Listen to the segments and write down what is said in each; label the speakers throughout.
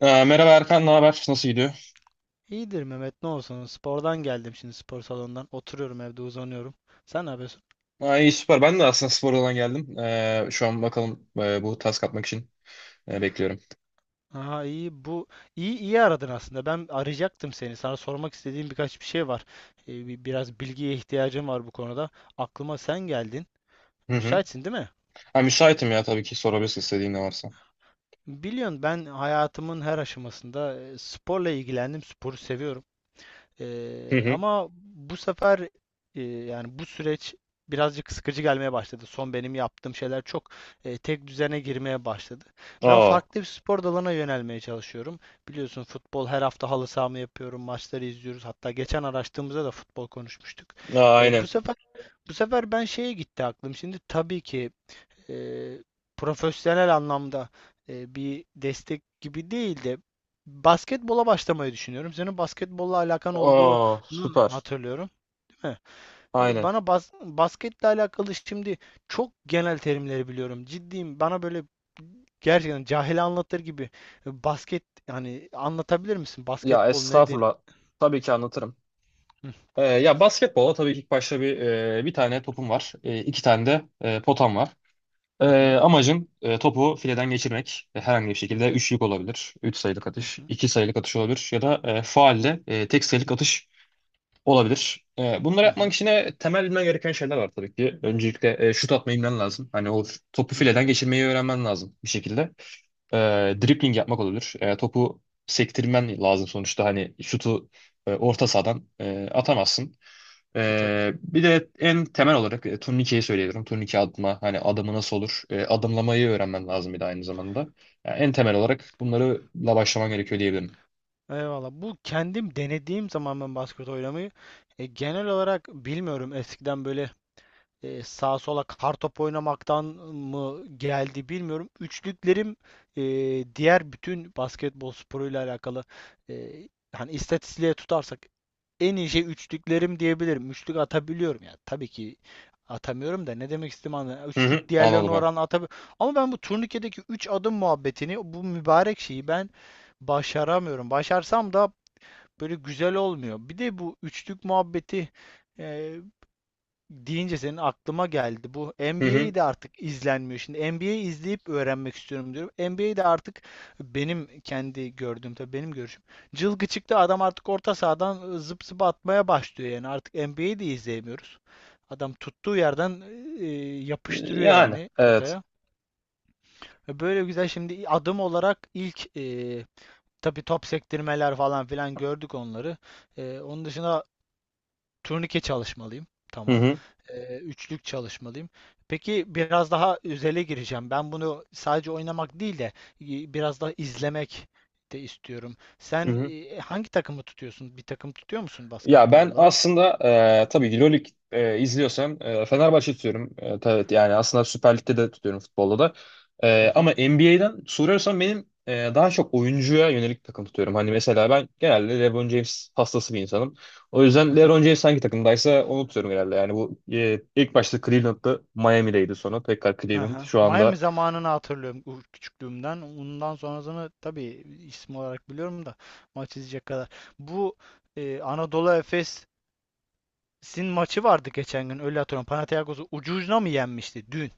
Speaker 1: Merhaba Erkan, ne haber? Nasıl gidiyor?
Speaker 2: İyidir Mehmet, ne olsun, spordan geldim şimdi, spor salonundan, oturuyorum evde, uzanıyorum. Sen ne yapıyorsun?
Speaker 1: Aa, iyi süper. Ben de aslında spordan geldim. Şu an bakalım, bu task atmak için bekliyorum.
Speaker 2: Aha, iyi, bu iyi aradın aslında, ben arayacaktım seni, sana sormak istediğim birkaç bir şey var. Biraz bilgiye ihtiyacım var bu konuda, aklıma sen geldin,
Speaker 1: Hı hı.
Speaker 2: müsaitsin değil mi?
Speaker 1: Ha, Müsaitim ya, tabii ki sorabilirsin, istediğin ne varsa.
Speaker 2: Biliyorsun, ben hayatımın her aşamasında sporla ilgilendim, sporu seviyorum.
Speaker 1: Hı
Speaker 2: Ee,
Speaker 1: hı.
Speaker 2: ama bu sefer, yani bu süreç birazcık sıkıcı gelmeye başladı. Son benim yaptığım şeyler çok tek düzene girmeye başladı. Ben
Speaker 1: Aa,
Speaker 2: farklı bir spor dalına yönelmeye çalışıyorum. Biliyorsun, futbol her hafta halı sahamı yapıyorum, maçları izliyoruz. Hatta geçen araştığımızda da futbol konuşmuştuk. E, bu
Speaker 1: aynen.
Speaker 2: sefer bu sefer ben şeye gitti aklım. Şimdi tabii ki e, profesyonel anlamda, bir destek gibi değil de, basketbola başlamayı düşünüyorum. Senin basketbolla alakan
Speaker 1: Aa,
Speaker 2: olduğunu
Speaker 1: süper.
Speaker 2: hatırlıyorum, değil mi? E,
Speaker 1: Aynen.
Speaker 2: Bana basketle alakalı şimdi, çok genel terimleri biliyorum. Ciddiyim. Bana böyle gerçekten cahil anlatır gibi, basket yani anlatabilir misin?
Speaker 1: Ya
Speaker 2: Basketbol nedir?
Speaker 1: estağfurullah. Tabii ki anlatırım.
Speaker 2: Hı
Speaker 1: Ya basketbola tabii ki ilk başta bir bir tane topum var. İki tane de potam var. Ee,
Speaker 2: hı,
Speaker 1: amacım topu fileden geçirmek. E, herhangi bir
Speaker 2: hı
Speaker 1: şekilde üçlük olabilir. Üç sayılık
Speaker 2: hı,
Speaker 1: atış,
Speaker 2: hı
Speaker 1: iki sayılık atış olabilir. Ya da faulle tek sayılık atış olabilir. Bunları
Speaker 2: hı, hı
Speaker 1: yapmak için temel bilmen gereken şeyler var tabii ki. Öncelikle şut atmayı bilmen lazım. Hani o topu
Speaker 2: hı. Hı.
Speaker 1: fileden geçirmeyi öğrenmen lazım bir şekilde. E, dribbling yapmak olabilir. Topu sektirmen lazım sonuçta. Hani şutu orta sahadan atamazsın.
Speaker 2: E, tabii.
Speaker 1: Bir de en temel olarak turnikeyi söyleyebilirim. Turnike atma, hani adımı nasıl olur? Adımlamayı öğrenmen lazım bir de aynı zamanda. Yani en temel olarak bunlarla başlaman gerekiyor diyebilirim.
Speaker 2: Eyvallah. Bu kendim denediğim zaman ben basket oynamayı genel olarak bilmiyorum, eskiden böyle sağa sola kartop oynamaktan mı geldi bilmiyorum. Üçlüklerim, e, diğer bütün basketbol sporuyla alakalı, e, hani istatistiğe tutarsak en iyi şey üçlüklerim diyebilirim. Üçlük atabiliyorum yani. Tabii ki atamıyorum da, ne demek istediğimi anlıyorum.
Speaker 1: Hı
Speaker 2: Üçlük
Speaker 1: hı,
Speaker 2: diğerlerine
Speaker 1: anladım ben.
Speaker 2: oranla atabiliyorum. Ama ben bu turnikedeki üç adım muhabbetini, bu mübarek şeyi ben başaramıyorum. Başarsam da böyle güzel olmuyor. Bir de bu üçlük muhabbeti e, deyince senin aklıma geldi. Bu
Speaker 1: Hı hı.
Speaker 2: NBA'yi de artık izlenmiyor. Şimdi NBA'yi izleyip öğrenmek istiyorum diyorum. NBA'de artık, benim kendi gördüğüm tabii, benim görüşüm. Cılgı çıktı adam, artık orta sahadan zıp zıp atmaya başlıyor yani. Artık NBA'yi de izleyemiyoruz. Adam tuttuğu yerden e, yapıştırıyor
Speaker 1: Yani
Speaker 2: yani
Speaker 1: evet.
Speaker 2: potaya. Böyle güzel, şimdi adım olarak ilk, tabii top sektirmeler falan filan gördük onları. Onun dışında turnike çalışmalıyım.
Speaker 1: Hı
Speaker 2: Tamam.
Speaker 1: hı.
Speaker 2: Üçlük çalışmalıyım. Peki biraz daha özele gireceğim. Ben bunu sadece oynamak değil de, e, biraz daha izlemek de istiyorum.
Speaker 1: Hı
Speaker 2: Sen
Speaker 1: hı.
Speaker 2: hangi takımı tutuyorsun? Bir takım tutuyor musun
Speaker 1: Ya
Speaker 2: basketbol
Speaker 1: ben
Speaker 2: olarak?
Speaker 1: aslında tabii ki LoL Lig, izliyorsam Fenerbahçe tutuyorum. E, tabii yani aslında Süper Lig'de de tutuyorum, futbolda da. Ama
Speaker 2: Aha,
Speaker 1: NBA'den soruyorsan benim daha çok oyuncuya yönelik takım tutuyorum. Hani mesela ben genelde LeBron James hastası bir insanım. O yüzden
Speaker 2: aha,
Speaker 1: LeBron James hangi takımdaysa onu tutuyorum genelde. Yani bu ilk başta Cleveland'da, Miami'deydi, sonra tekrar Cleveland.
Speaker 2: aha.
Speaker 1: Şu
Speaker 2: Miami
Speaker 1: anda
Speaker 2: zamanını hatırlıyorum, küçüklüğümden. Ondan sonrasını tabii isim olarak biliyorum da, maç izleyecek kadar. Bu Anadolu Efes'in maçı vardı geçen gün. Öyle hatırlıyorum. Panathinaikos'u ucu ucuna mı yenmişti dün?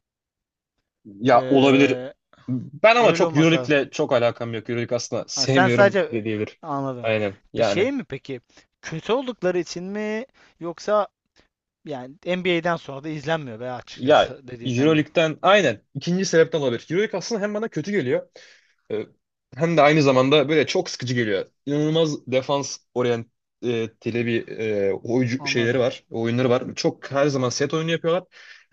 Speaker 1: ya olabilir.
Speaker 2: Ee,
Speaker 1: Ben ama
Speaker 2: öyle
Speaker 1: çok
Speaker 2: olması lazım.
Speaker 1: EuroLeague'le çok alakam yok. EuroLeague aslında
Speaker 2: Ha, sen
Speaker 1: sevmiyorum
Speaker 2: sadece,
Speaker 1: de diyebilir.
Speaker 2: anladım.
Speaker 1: Aynen
Speaker 2: Bir
Speaker 1: yani.
Speaker 2: şey mi peki? Kötü oldukları için mi, yoksa yani NBA'den sonra da izlenmiyor be
Speaker 1: Ya
Speaker 2: açıkçası dediğinden mi?
Speaker 1: Euroleague'den aynen ikinci sebepten olabilir. Euroleague aslında hem bana kötü geliyor, e, hem de aynı zamanda böyle çok sıkıcı geliyor. İnanılmaz defans oryanteli bir oyuncu şeyleri
Speaker 2: Anladım.
Speaker 1: var, oyunları var. Çok her zaman set oyunu yapıyorlar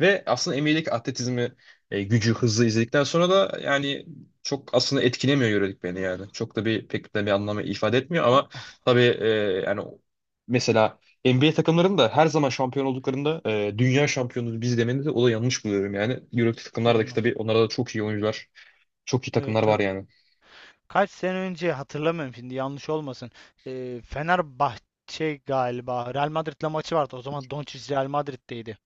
Speaker 1: ve aslında NBA'deki atletizmi, gücü, hızı izledikten sonra da yani çok aslında etkilemiyor yörelik beni yani. Çok da bir pek de bir anlamı ifade etmiyor ama
Speaker 2: A-
Speaker 1: tabii yani mesela NBA takımlarının da her zaman şampiyon olduklarında dünya şampiyonu biz demeni de, o da yanlış buluyorum yani. Euroleague takımlardaki
Speaker 2: Anladım.
Speaker 1: tabii onlarda da çok iyi oyuncular, çok iyi
Speaker 2: Evet,
Speaker 1: takımlar var
Speaker 2: tabii.
Speaker 1: yani.
Speaker 2: Kaç sene önce hatırlamıyorum şimdi, yanlış olmasın. Fenerbahçe galiba Real Madrid'le maçı vardı. O zaman Doncic Real Madrid'deydi.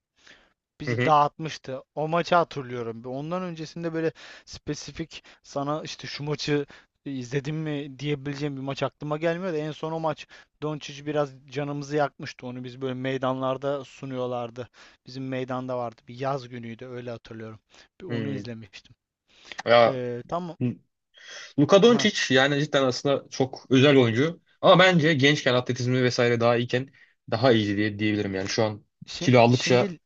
Speaker 1: Hı
Speaker 2: Bizi
Speaker 1: hı.
Speaker 2: dağıtmıştı. O maçı hatırlıyorum. Ondan öncesinde böyle spesifik sana işte şu maçı izledim mi diyebileceğim bir maç aklıma gelmiyor da, en son o maç Doncic biraz canımızı yakmıştı. Onu biz böyle meydanlarda sunuyorlardı. Bizim meydanda vardı. Bir yaz günüydü, öyle hatırlıyorum. Bir onu
Speaker 1: Hı.
Speaker 2: izlemiştim.
Speaker 1: Ya
Speaker 2: Tam
Speaker 1: Luka
Speaker 2: ha,
Speaker 1: Doncic yani cidden aslında çok özel oyuncu. Ama bence gençken atletizmi vesaire daha iyiken daha iyiydi diye diyebilirim yani. Şu an kilo aldıkça
Speaker 2: şimdi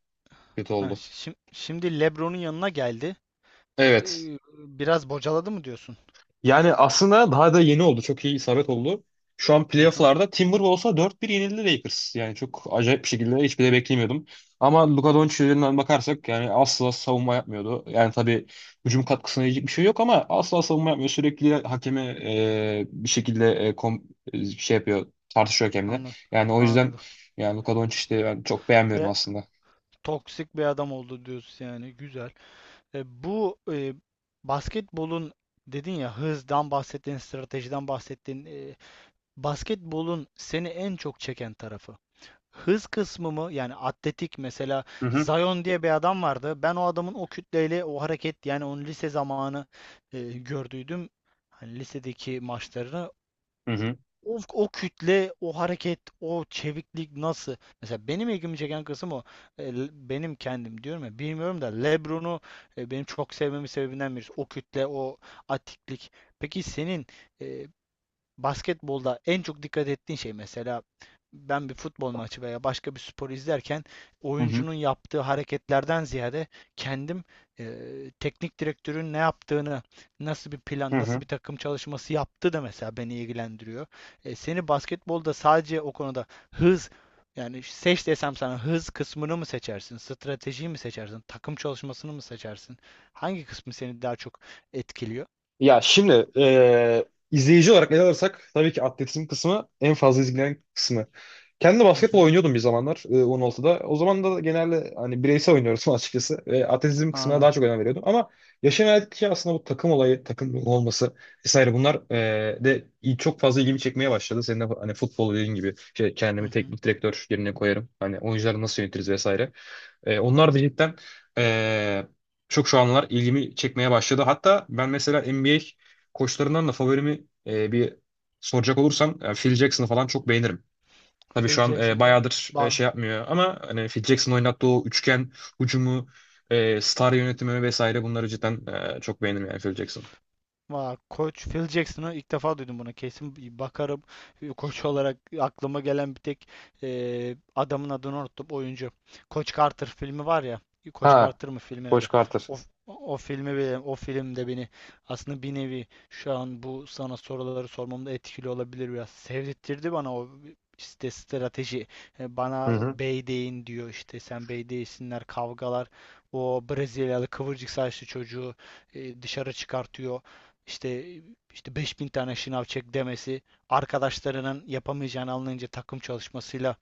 Speaker 1: kötü
Speaker 2: ha,
Speaker 1: oldu.
Speaker 2: şimdi LeBron'un yanına geldi. Ee,
Speaker 1: Evet.
Speaker 2: e, biraz bocaladı mı diyorsun?
Speaker 1: Yani aslında daha da yeni oldu. Çok iyi isabet oldu. Şu an
Speaker 2: Aha,
Speaker 1: playoff'larda Timberwolves'a 4-1 yenildi Lakers. Yani çok acayip bir şekilde, hiçbir de beklemiyordum. Ama Luka Doncic'den bakarsak yani asla savunma yapmıyordu. Yani tabii hücum katkısına yiyecek bir şey yok ama asla savunma yapmıyor. Sürekli hakeme bir şekilde şey yapıyor, tartışıyor hakemle.
Speaker 2: anladım.
Speaker 1: Yani o yüzden
Speaker 2: Anladım.
Speaker 1: yani Luka Doncic'i de ben çok beğenmiyorum
Speaker 2: Ee,
Speaker 1: aslında.
Speaker 2: Toksik bir adam oldu diyorsun yani. Güzel. Bu, basketbolun dedin ya, hızdan bahsettin, stratejiden bahsettin. Basketbolun seni en çok çeken tarafı. Hız kısmı mı? Yani atletik mesela,
Speaker 1: Hı hı.
Speaker 2: Zion diye bir adam vardı. Ben o adamın o kütleyle, o hareket yani onun lise zamanı gördüydüm. Hani lisedeki maçlarını,
Speaker 1: Hı hı.
Speaker 2: o kütle, o hareket, o çeviklik nasıl? Mesela benim ilgimi çeken kısım o. Benim kendim diyorum ya bilmiyorum da, LeBron'u benim çok sevmemin sebebinden birisi. O kütle, o atiklik. Peki senin e, basketbolda en çok dikkat ettiğin şey mesela, ben bir futbol maçı veya başka bir spor izlerken,
Speaker 1: Hı hı.
Speaker 2: oyuncunun yaptığı hareketlerden ziyade, kendim e, teknik direktörün ne yaptığını, nasıl bir
Speaker 1: Hı
Speaker 2: plan, nasıl
Speaker 1: hı.
Speaker 2: bir takım çalışması yaptığı da mesela beni ilgilendiriyor. Seni basketbolda sadece o konuda, hız yani seç desem sana, hız kısmını mı seçersin, stratejiyi mi seçersin, takım çalışmasını mı seçersin? Hangi kısmı seni daha çok etkiliyor?
Speaker 1: Şimdi izleyici olarak ele alırsak tabii ki atletizm kısmı en fazla izlenen kısmı. Kendi
Speaker 2: Hı
Speaker 1: basketbol
Speaker 2: hı,
Speaker 1: oynuyordum bir zamanlar 16'da. O zaman da genelde hani bireysel oynuyoruz açıkçası. Ve atletizm kısmına
Speaker 2: anladım.
Speaker 1: daha çok önem veriyordum. Ama yaşım ilerledikçe aslında bu takım olayı, takım olması vesaire bunlar çok fazla ilgimi çekmeye başladı. Senin de hani futbol dediğin gibi şey,
Speaker 2: Hı
Speaker 1: kendimi
Speaker 2: hı.
Speaker 1: teknik direktör yerine koyarım. Hani oyuncuları nasıl yönetiriz vesaire. Onlar da cidden e, çok şu anlar ilgimi çekmeye başladı. Hatta ben mesela NBA koçlarından da favorimi bir soracak olursam Phil Jackson'ı falan çok beğenirim. Tabii
Speaker 2: Phil
Speaker 1: şu an
Speaker 2: Jackson o.
Speaker 1: bayağıdır
Speaker 2: Bak,
Speaker 1: şey yapmıyor ama hani Phil Jackson oynattığı o üçgen hücumu, star yönetimi vesaire bunları cidden çok beğenirim yani Phil Jackson.
Speaker 2: vay, Koç Phil Jackson'ı ilk defa duydum bunu. Kesin bir bakarım. Koç olarak aklıma gelen bir tek, adamın adını unuttum. Oyuncu. Koç Carter filmi var ya. Koç
Speaker 1: Ha,
Speaker 2: Carter mı filmin
Speaker 1: Coach
Speaker 2: adı?
Speaker 1: Carter.
Speaker 2: O, o filmi bile, o filmde beni aslında bir nevi, şu an bu sana soruları sormamda etkili olabilir biraz. Sevdirtti bana o, işte strateji. E,
Speaker 1: Hı
Speaker 2: Bana
Speaker 1: hı.
Speaker 2: bey deyin diyor işte, sen bey değilsinler, kavgalar. O Brezilyalı kıvırcık saçlı çocuğu dışarı çıkartıyor, işte işte 5.000 tane şınav çek demesi, arkadaşlarının yapamayacağını anlayınca takım çalışmasıyla,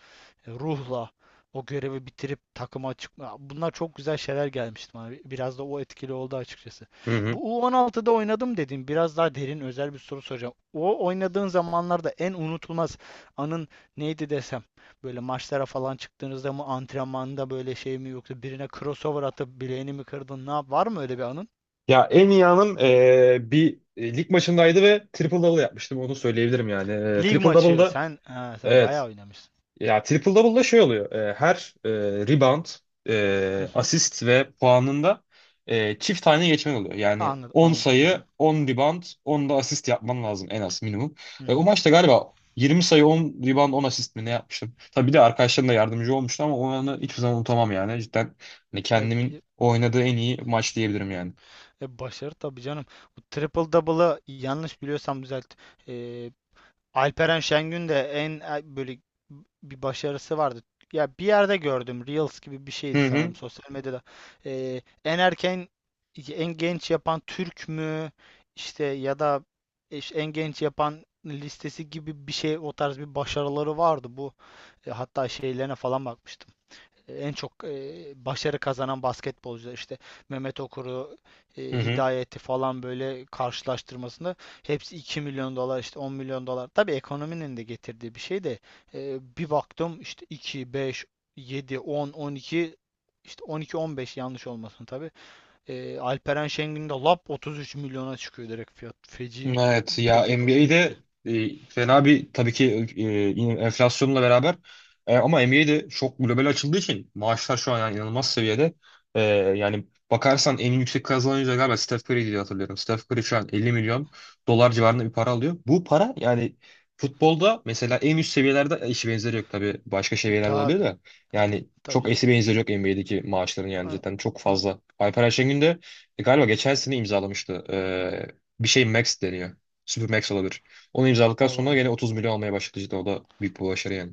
Speaker 2: ruhla o görevi bitirip takıma çıkma. Bunlar çok güzel şeyler gelmişti bana. Biraz da o etkili oldu açıkçası.
Speaker 1: Hı hı.
Speaker 2: Bu U16'da oynadım dedim. Biraz daha derin, özel bir soru soracağım. O oynadığın zamanlarda en unutulmaz anın neydi desem? Böyle maçlara falan çıktığınızda mı, antrenmanda böyle şey mi, yoksa birine crossover atıp bileğini mi kırdın? Var mı öyle bir anın?
Speaker 1: Ya en iyi anım bir lig maçındaydı ve triple double yapmıştım, onu söyleyebilirim yani. E,
Speaker 2: Lig
Speaker 1: triple
Speaker 2: maçı.
Speaker 1: double'da
Speaker 2: Sen ha, sen
Speaker 1: evet.
Speaker 2: bayağı oynamışsın.
Speaker 1: Ya triple double'da şey oluyor. Her rebound,
Speaker 2: Hı hı.
Speaker 1: asist ve puanında çift tane geçmen oluyor. Yani
Speaker 2: Anladım,
Speaker 1: 10
Speaker 2: anladım. Hı
Speaker 1: sayı,
Speaker 2: hı.
Speaker 1: 10 rebound, 10 da asist yapman lazım en az minimum.
Speaker 2: Hı
Speaker 1: E, o
Speaker 2: hı.
Speaker 1: maçta galiba 20 sayı, 10 rebound, 10 asist mi ne yapmıştım? Tabii bir de arkadaşlarım da yardımcı olmuştu ama o anı hiçbir zaman unutamam yani. Cidden hani
Speaker 2: E,
Speaker 1: kendimin
Speaker 2: bir-
Speaker 1: oynadığı en iyi maç diyebilirim yani.
Speaker 2: başarı tabii canım. Bu triple double'ı yanlış biliyorsam düzelt. E, Alperen Şengün de en, böyle bir başarısı vardı. Ya bir yerde gördüm. Reels gibi bir şeydi
Speaker 1: Hı hı.
Speaker 2: sanırım, sosyal medyada. En erken, en genç yapan Türk mü işte, ya da işte en genç yapan listesi gibi bir şey, o tarz bir başarıları vardı bu. Hatta şeylerine falan bakmıştım. En çok başarı kazanan basketbolcular işte, Mehmet Okur'u,
Speaker 1: Hı hı.
Speaker 2: Hidayet'i falan böyle karşılaştırmasında, hepsi 2 milyon dolar, işte 10 milyon dolar. Tabii ekonominin de getirdiği bir şey de, bir baktım işte iki, beş, yedi, 10, 12, işte 12, 15, yanlış olmasın tabii. Alperen Şengün de lap 33 milyona çıkıyor direkt fiyat. Feci,
Speaker 1: Evet ya
Speaker 2: feci hoşuma
Speaker 1: NBA'de
Speaker 2: gitti.
Speaker 1: fena bir tabii ki yine enflasyonla beraber ama NBA'de çok global açıldığı için maaşlar şu an yani inanılmaz seviyede. E, yani bakarsan en yüksek kazanan oyuncu da galiba Steph Curry diye hatırlıyorum. Steph Curry şu an 50 milyon dolar civarında bir para alıyor. Bu para yani futbolda mesela en üst seviyelerde eşi benzeri yok, tabii başka
Speaker 2: E,
Speaker 1: seviyelerde olabilir
Speaker 2: tabii
Speaker 1: de, yani
Speaker 2: tabii
Speaker 1: çok
Speaker 2: canım.
Speaker 1: eşi benzeri yok NBA'deki maaşların yani
Speaker 2: Hı,
Speaker 1: cidden çok
Speaker 2: hı.
Speaker 1: fazla. Alper Ayşengün de galiba geçen sene imzalamıştı bir şey Max deniyor. Super Max olabilir. Onu imzaladıktan
Speaker 2: Olur.
Speaker 1: sonra gene 30 milyon almaya başladı cidden. O da büyük bir başarı yani.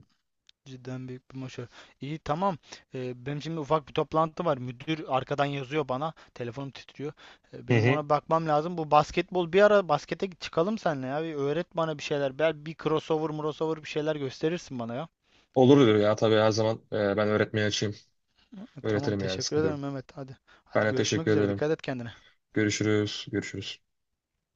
Speaker 2: Cidden büyük bir başarı. İyi, tamam. Benim şimdi ufak bir toplantı var. Müdür arkadan yazıyor bana. Telefonum titriyor. Ee,
Speaker 1: Hı
Speaker 2: benim
Speaker 1: hı.
Speaker 2: ona bakmam lazım. Bu basketbol, bir ara baskete çıkalım seninle ya. Bir öğret bana bir şeyler. Bir crossover, bir şeyler gösterirsin bana ya.
Speaker 1: Olur ya, tabii, her zaman ben öğretmeye açayım.
Speaker 2: Tamam,
Speaker 1: Öğretirim yani,
Speaker 2: teşekkür
Speaker 1: sıkıntı yok.
Speaker 2: ederim Mehmet. Hadi.
Speaker 1: Ben
Speaker 2: Hadi
Speaker 1: de
Speaker 2: görüşmek
Speaker 1: teşekkür
Speaker 2: üzere.
Speaker 1: ederim.
Speaker 2: Dikkat et kendine.
Speaker 1: Görüşürüz. Görüşürüz.